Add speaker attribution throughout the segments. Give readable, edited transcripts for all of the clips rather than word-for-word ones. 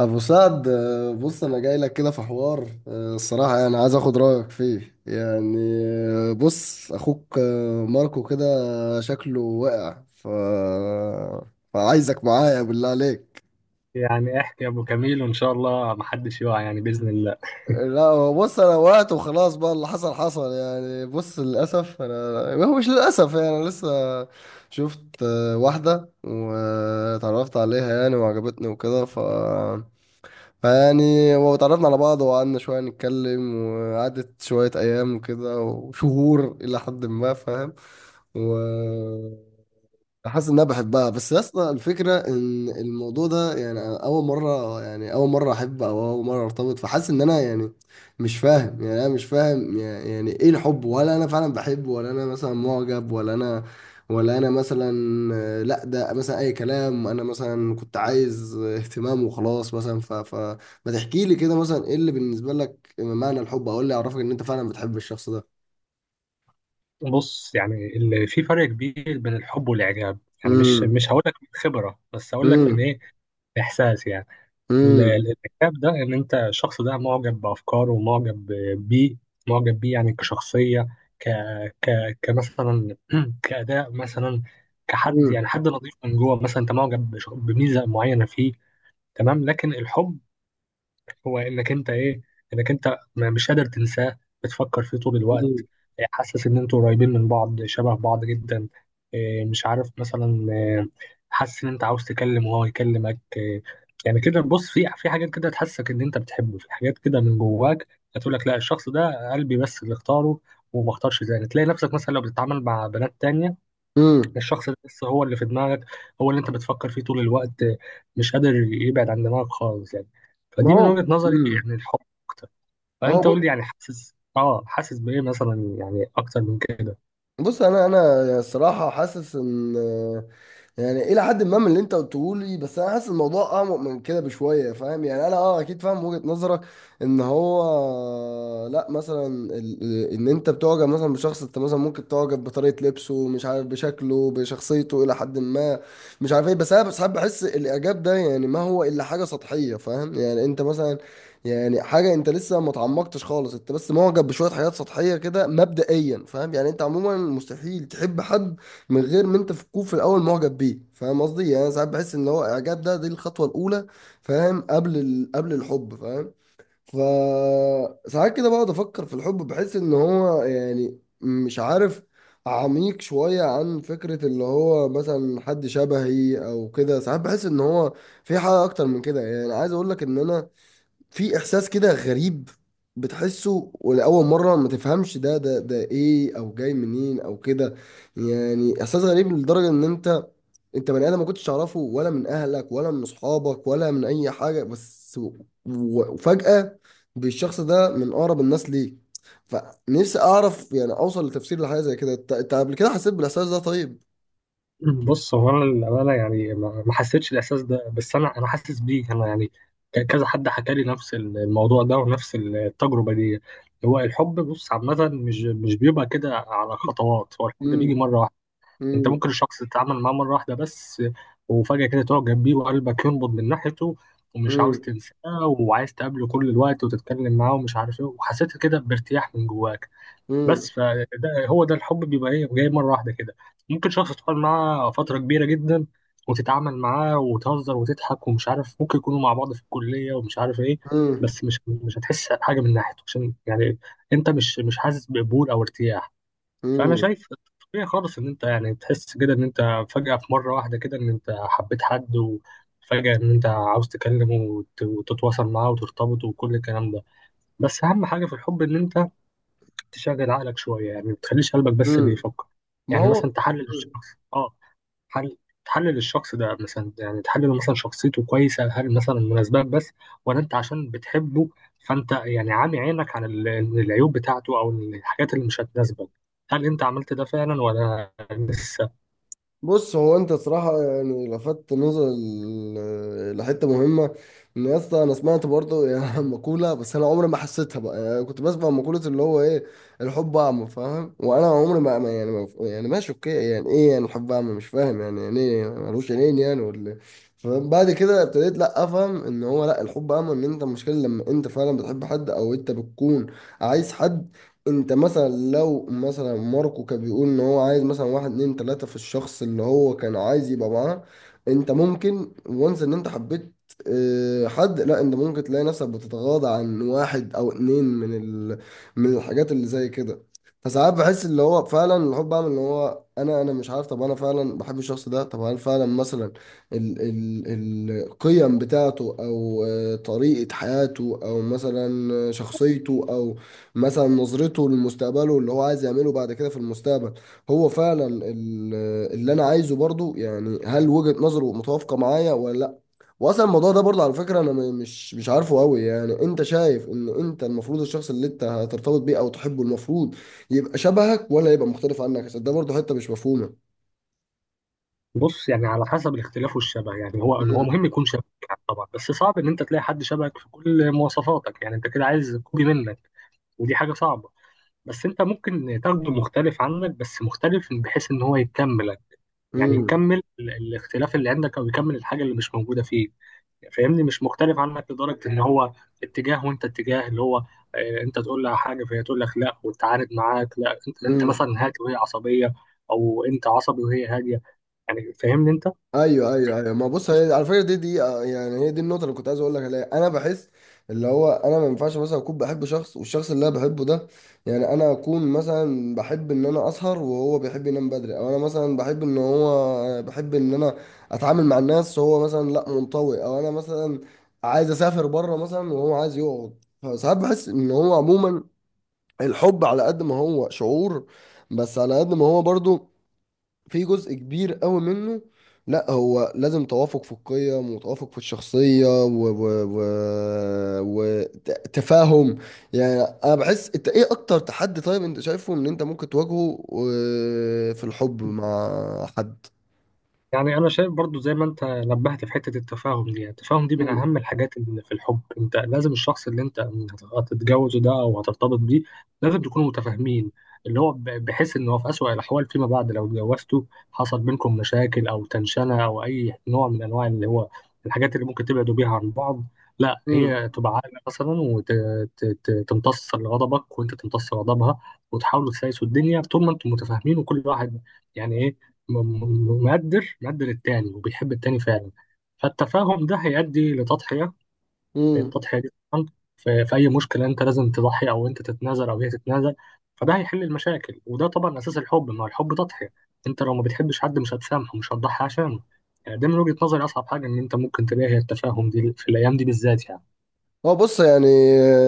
Speaker 1: ابو سعد، بص انا جاي لك كده في حوار، الصراحه يعني عايز اخد رايك فيه يعني. بص اخوك، ماركو كده شكله وقع فعايزك معايا بالله عليك.
Speaker 2: يعني احكي يا ابو كميل وان شاء الله محدش يقع يعني باذن الله.
Speaker 1: لا، هو بص انا وقعت وخلاص، بقى اللي حصل حصل يعني. بص، للاسف انا هو مش، للاسف يعني انا لسه شفت، واحده واتعرفت عليها يعني، وعجبتني وكده فيعني وتعرفنا على بعض، وقعدنا شوية نتكلم، وقعدت شوية أيام وكده وشهور إلى حد ما، فاهم؟ و حاسس ان انا بحبها. بس يا اسطى، الفكره ان الموضوع ده يعني أنا اول مره، يعني اول مره احب او اول مره ارتبط، فحاسس ان انا يعني مش فاهم، يعني انا مش فاهم يعني ايه الحب، ولا انا فعلا بحب، ولا انا مثلا معجب، ولا انا ولا انا مثلا، لا، ده مثلا اي كلام. انا مثلا كنت عايز اهتمام وخلاص مثلا، ف ف ما تحكي لي كده مثلا ايه اللي بالنسبه لك معنى الحب، او إيه اللي يعرفك ان انت فعلا بتحب الشخص ده؟
Speaker 2: بص، يعني اللي في فرق كبير بين الحب والاعجاب. يعني مش
Speaker 1: امم.
Speaker 2: مش هقول لك من خبره، بس هقول لك من
Speaker 1: امم.
Speaker 2: ايه، احساس يعني. ال-
Speaker 1: امم.
Speaker 2: ال- الاعجاب ده ان انت الشخص ده معجب بافكاره ومعجب بيه، معجب بيه يعني كشخصيه، ك ك كمثلا كاداء مثلا، كحد، يعني حد نظيف من جوه، مثلا انت معجب بميزه معينه فيه، تمام. لكن الحب هو انك انت ايه، انك انت مش قادر تنساه، بتفكر فيه طول الوقت، إيه، حاسس ان انتوا قريبين من بعض، شبه بعض جدا، إيه، مش عارف مثلا، إيه، حاسس ان انت عاوز تكلم وهو يكلمك، إيه، يعني كده. بص في حاجات كده تحسك ان انت بتحبه، في حاجات كده من جواك هتقول لك لا، الشخص ده قلبي بس اللي اختاره وما اختارش تاني. تلاقي نفسك مثلا لو بتتعامل مع بنات تانية،
Speaker 1: امم.
Speaker 2: الشخص ده لسه هو اللي في دماغك، هو اللي انت بتفكر فيه طول الوقت، مش قادر يبعد عن دماغك خالص يعني.
Speaker 1: ما
Speaker 2: فدي من
Speaker 1: هو.
Speaker 2: وجهة نظري
Speaker 1: امم.
Speaker 2: يعني الحب اكتر.
Speaker 1: هو
Speaker 2: فانت قول لي، يعني حاسس اه، حاسس بايه مثلا، يعني اكتر من كده؟
Speaker 1: بص، انا يعني الصراحه حاسس ان يعني الى حد ما من اللي انت قلته لي، بس انا حاسس الموضوع اعمق من كده بشويه. فاهم يعني، انا اكيد فاهم وجهه نظرك، ان هو لا مثلا، ان انت بتعجب مثلا بشخص، انت مثلا ممكن تعجب بطريقه لبسه، مش عارف بشكله بشخصيته الى حد ما، مش عارف ايه. بس انا ساعات بحس الاعجاب ده يعني ما هو الا حاجه سطحيه. فاهم يعني، انت مثلا، يعني حاجه انت لسه ما اتعمقتش خالص، انت بس معجب بشويه حاجات سطحيه كده مبدئيا. فاهم يعني، انت عموما مستحيل تحب حد من غير ما انت تكون في الاول معجب بيه. فاهم قصدي يعني، انا ساعات بحس ان هو اعجاب ده دي الخطوه الاولى، فاهم، قبل الحب، فاهم. ف ساعات كده بقعد افكر في الحب، بحس ان هو يعني مش عارف، عميق شويه عن فكره اللي هو مثلا حد شبهي او كده. ساعات بحس ان هو في حاجه اكتر من كده. يعني عايز اقول لك ان انا في احساس كده غريب، بتحسه ولاول مره ما تفهمش ده ايه او جاي منين او كده. يعني احساس غريب لدرجه ان انت، بني ادم ما كنتش تعرفه ولا من اهلك ولا من اصحابك ولا من اي حاجه، بس وفجاه بالشخص ده من اقرب الناس ليك. فنفسي اعرف يعني اوصل لتفسير لحاجه زي كده. أنت قبل كده حسيت بالاحساس ده، طيب؟
Speaker 2: بص، هو انا للامانه يعني ما حسيتش الاحساس ده، بس انا حاسس بيه انا، يعني كذا حد حكى لي نفس الموضوع ده ونفس التجربه دي. هو الحب بص عامه مش بيبقى كده على خطوات، هو الحب ده
Speaker 1: امم.
Speaker 2: بيجي مره واحده. انت
Speaker 1: امم.
Speaker 2: ممكن الشخص تتعامل معاه مره واحده بس، وفجاه كده تعجب بيه وقلبك ينبض من ناحيته، ومش عاوز
Speaker 1: امم.
Speaker 2: تنساه، وعايز تقابله كل الوقت وتتكلم معاه ومش عارف ايه، وحسيت كده بارتياح من جواك بس. فده هو ده الحب، بيبقى ايه، جاي مره واحده كده. ممكن شخص تقعد معاه فتره كبيره جدا وتتعامل معاه وتهزر وتضحك ومش عارف، ممكن يكونوا مع بعض في الكليه ومش عارف ايه،
Speaker 1: امم.
Speaker 2: بس مش هتحس حاجه من ناحيته، عشان يعني انت مش حاسس بقبول او ارتياح. فانا
Speaker 1: امم.
Speaker 2: شايف طبيعي خالص ان انت يعني تحس كده ان انت فجأة في مرة واحدة كده ان انت حبيت حد، وفجأة ان انت عاوز تكلمه وتتواصل معاه وترتبط وكل الكلام ده. بس اهم حاجة في الحب ان انت تشغل عقلك شوية، يعني ما تخليش قلبك بس اللي
Speaker 1: امم.
Speaker 2: يفكر.
Speaker 1: ما
Speaker 2: يعني
Speaker 1: هو.
Speaker 2: مثلا تحلل الشخص، اه، حل، تحلل الشخص ده مثلا، يعني تحلل مثلا شخصيته كويسة، هل مثلا مناسبات بس، ولا انت عشان بتحبه فانت يعني عامي عينك عن العيوب بتاعته او الحاجات اللي مش هتناسبك؟ هل انت عملت ده فعلا ولا لسه؟
Speaker 1: بص، هو انت صراحة يعني لفت نظر لحتة مهمة، ان يا اسطى، انا سمعت برضه يعني مقولة، بس انا عمري ما حسيتها بقى. يعني كنت بسمع مقولة اللي هو ايه، الحب اعمى. فاهم؟ وانا عمري ما يعني ما، يعني ماشي اوكي، يعني ايه يعني الحب اعمى؟ مش فاهم يعني ايه ملوش عينين يعني، ولا إيه؟ فاهم. بعد كده ابتديت، لا افهم ان هو لا، الحب اعمى ان انت المشكلة لما انت فعلا بتحب حد، او انت بتكون عايز حد. انت مثلا، لو مثلا ماركو كان بيقول ان هو عايز مثلا واحد اتنين تلاتة في الشخص اللي هو كان عايز يبقى معاه، انت ممكن وانس ان انت حبيت، اه، حد. لا، انت ممكن تلاقي نفسك بتتغاضى عن واحد او اتنين من من الحاجات اللي زي كده. فساعات بحس اللي هو فعلا الحب بعمل اللي هو، انا مش عارف طب انا فعلا بحب الشخص ده؟ طب هل فعلا مثلا القيم بتاعته، او طريقة حياته، او مثلا شخصيته، او مثلا نظرته لمستقبله اللي هو عايز يعمله بعد كده في المستقبل، هو فعلا اللي انا عايزه برضو؟ يعني هل وجهة نظره متوافقة معايا ولا لا؟ واصلا الموضوع ده برضو على فكرة، انا مش عارفه قوي. يعني انت شايف ان انت المفروض الشخص اللي انت هترتبط بيه او تحبه المفروض يبقى شبهك، ولا يبقى مختلف عنك؟ عشان ده برضو حتة مش مفهومة.
Speaker 2: بص يعني على حسب الاختلاف والشبه، يعني هو مهم يكون شبهك يعني طبعا، بس صعب ان انت تلاقي حد شبهك في كل مواصفاتك، يعني انت كده عايز كوبي منك، ودي حاجة صعبة. بس انت ممكن تاخده مختلف عنك، بس مختلف بحيث ان هو يكملك، يعني
Speaker 1: امم.
Speaker 2: يكمل الاختلاف اللي عندك او يكمل الحاجه اللي مش موجوده فيه. فاهمني؟ مش مختلف عنك لدرجه ان هو اتجاه وانت اتجاه، اللي هو اه، انت تقول لها حاجه فهي تقول لك لا وتعارض معاك، لا، انت انت
Speaker 1: امم.
Speaker 2: مثلا هادي وهي عصبيه، او انت عصبي وهي هاديه، يعني فاهمني انت؟
Speaker 1: ايوه، ايوه، ايوه. ما بص، هي على فكره، دي يعني هي دي النقطه اللي كنت عايز اقول لك عليها. انا بحس اللي هو انا ما ينفعش مثلا اكون بحب شخص، والشخص اللي انا بحبه ده، يعني انا اكون مثلا بحب ان انا اسهر وهو بيحب ينام بدري، او انا مثلا بحب ان هو بحب ان انا اتعامل مع الناس وهو مثلا لا، منطوي، او انا مثلا عايز اسافر بره مثلا وهو عايز يقعد. فساعات بحس ان هو عموما الحب على قد ما هو شعور، بس على قد ما هو برضو في جزء كبير قوي منه، لا، هو لازم توافق في القيم وتوافق في الشخصية و وتفاهم. يعني انا بحس، انت ايه اكتر تحدي طيب انت شايفه ان انت ممكن تواجهه في الحب مع حد؟
Speaker 2: يعني انا شايف برضو زي ما انت نبهت في حته التفاهم دي، يعني التفاهم دي من
Speaker 1: مم.
Speaker 2: اهم الحاجات اللي في الحب. انت لازم الشخص اللي انت هتتجوزه ده او هترتبط بيه لازم تكونوا متفاهمين، اللي هو بحيث ان هو في اسوأ الاحوال فيما بعد لو اتجوزته، حصل بينكم مشاكل او تنشنه او اي نوع من انواع اللي هو الحاجات اللي ممكن تبعدوا بيها عن بعض، لا،
Speaker 1: مم.
Speaker 2: هي تبقى عاقله مثلا وتمتص غضبك وانت تمتص غضبها، وتحاولوا تسايسوا الدنيا طول ما انتم متفاهمين، وكل واحد يعني ايه، مقدر، مقدر التاني وبيحب التاني فعلا. فالتفاهم ده هيؤدي لتضحية،
Speaker 1: مم.
Speaker 2: التضحية دي طبعا في أي مشكلة أنت لازم تضحي، أو أنت تتنازل أو هي تتنازل، فده هيحل المشاكل، وده طبعا أساس الحب، ما هو الحب تضحية. أنت لو ما بتحبش حد مش هتسامحه، مش هتضحي عشانه. يعني ده من وجهة نظري أصعب حاجة، إن أنت ممكن تلاقي هي التفاهم دي في الأيام دي بالذات يعني.
Speaker 1: هو بص يعني،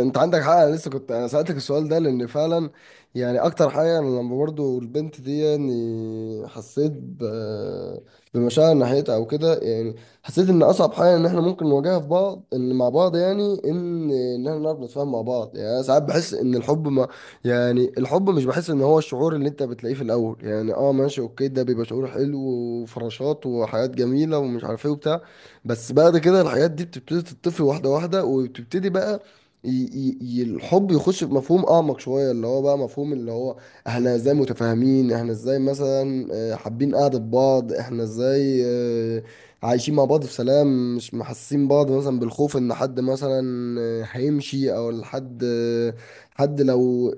Speaker 1: انت عندك حق. انا لسه كنت انا سألتك السؤال ده لان فعلا يعني اكتر حاجه، انا لما برضو البنت دي يعني حسيت بمشاعر ناحيتها او كده يعني، حسيت ان اصعب حاجه ان احنا ممكن نواجهها في بعض ان مع بعض، يعني ان احنا نعرف نتفاهم مع بعض. يعني انا ساعات بحس ان الحب ما، يعني الحب مش بحس ان هو الشعور اللي انت بتلاقيه في الاول يعني. اه ماشي اوكي، ده بيبقى شعور حلو وفراشات وحاجات جميله ومش عارف ايه وبتاع. بس بعد كده الحاجات دي بتبتدي تتطفي واحدة واحدة، وبتبتدي بقى الحب يخش في مفهوم أعمق شوية، اللي هو بقى مفهوم اللي هو احنا ازاي متفاهمين، احنا ازاي مثلا حابين قعدة بعض، احنا ازاي عايشين مع بعض في سلام، مش محسين بعض مثلا بالخوف ان حد مثلا هيمشي، او الحد حد لو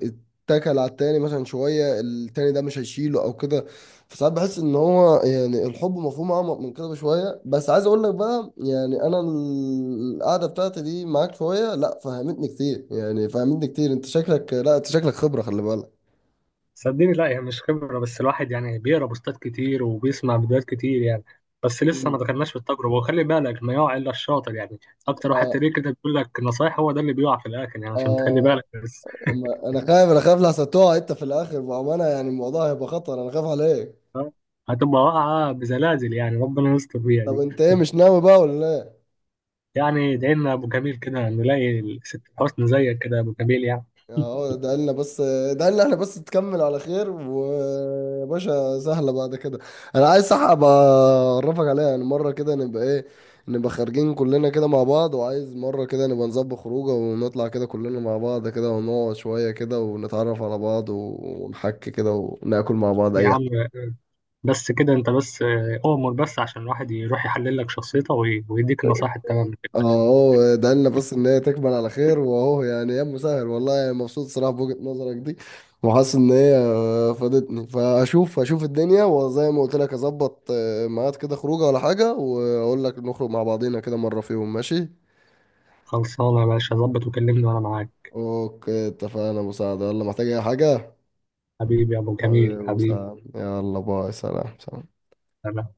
Speaker 1: اتكل على التاني مثلا شوية التاني ده مش هيشيله او كده. فساعات بحس ان هو يعني الحب مفهوم اعمق من كده بشويه. بس عايز اقول لك بقى يعني، انا القعده بتاعتي دي معاك شويه، لا، فهمتني كتير يعني، فهمتني كتير. انت شكلك، لا، انت شكلك خبره، خلي بالك.
Speaker 2: صدقني لا، يعني مش خبرة، بس الواحد يعني بيقرا بوستات كتير وبيسمع فيديوهات كتير يعني، بس لسه ما
Speaker 1: مم.
Speaker 2: دخلناش في التجربة، وخلي بالك، ما يقع إلا الشاطر يعني. أكتر واحد
Speaker 1: اه،
Speaker 2: تلاقيه كده بيقول لك نصايح هو ده اللي بيقع في الآخر، يعني عشان تخلي
Speaker 1: اه.
Speaker 2: بالك بس.
Speaker 1: انا خايف، انا خايف لحسن تقع انت في الاخر، بامانه يعني الموضوع هيبقى خطر، انا خايف عليك.
Speaker 2: آه، هتبقى واقعة بزلازل يعني، ربنا يستر بيها
Speaker 1: طب
Speaker 2: دي.
Speaker 1: انت ايه، مش ناوي بقى ولا؟
Speaker 2: يعني ادعي لنا يا أبو جميل كده نلاقي الست حسن زيك كده يا أبو جميل يعني.
Speaker 1: اه، ده قالنا بس، ده قالنا احنا بس تكمل على خير وباشا سهلة بعد كده. انا عايز صح ابقى اعرفك عليها يعني. مرة كده نبقى ايه، نبقى خارجين كلنا كده مع بعض. وعايز مرة كده نبقى نظبط خروجه ونطلع كده كلنا مع بعض كده، ونقعد شوية كده ونتعرف على بعض ونحكي كده وناكل مع بعض،
Speaker 2: يا
Speaker 1: اي.
Speaker 2: عم بس كده، أنت بس آه، أؤمر بس عشان الواحد يروح يحلل لك شخصيته ويديك النصايح التمام كده.
Speaker 1: اهو ده لنا بس ان هي تكمل على خير، واهو يعني يا مسهل والله. يعني مبسوط صراحه بوجهه نظرك دي، وحاسس ان هي فادتني. فاشوف الدنيا، وزي ما قلت لك اظبط ميعاد كده خروجه ولا حاجه، واقول لك نخرج مع بعضينا كده مره، فيهم ماشي.
Speaker 2: خلصانة يا باشا، ظبط وكلمني وأنا معاك.
Speaker 1: اوكي، اتفقنا. مساعده يلا، محتاج اي حاجه؟
Speaker 2: حبيبي يا ابو جميل،
Speaker 1: حبيبي،
Speaker 2: حبيبي
Speaker 1: مساعد يلا، باي، سلام، سلام.
Speaker 2: أنا.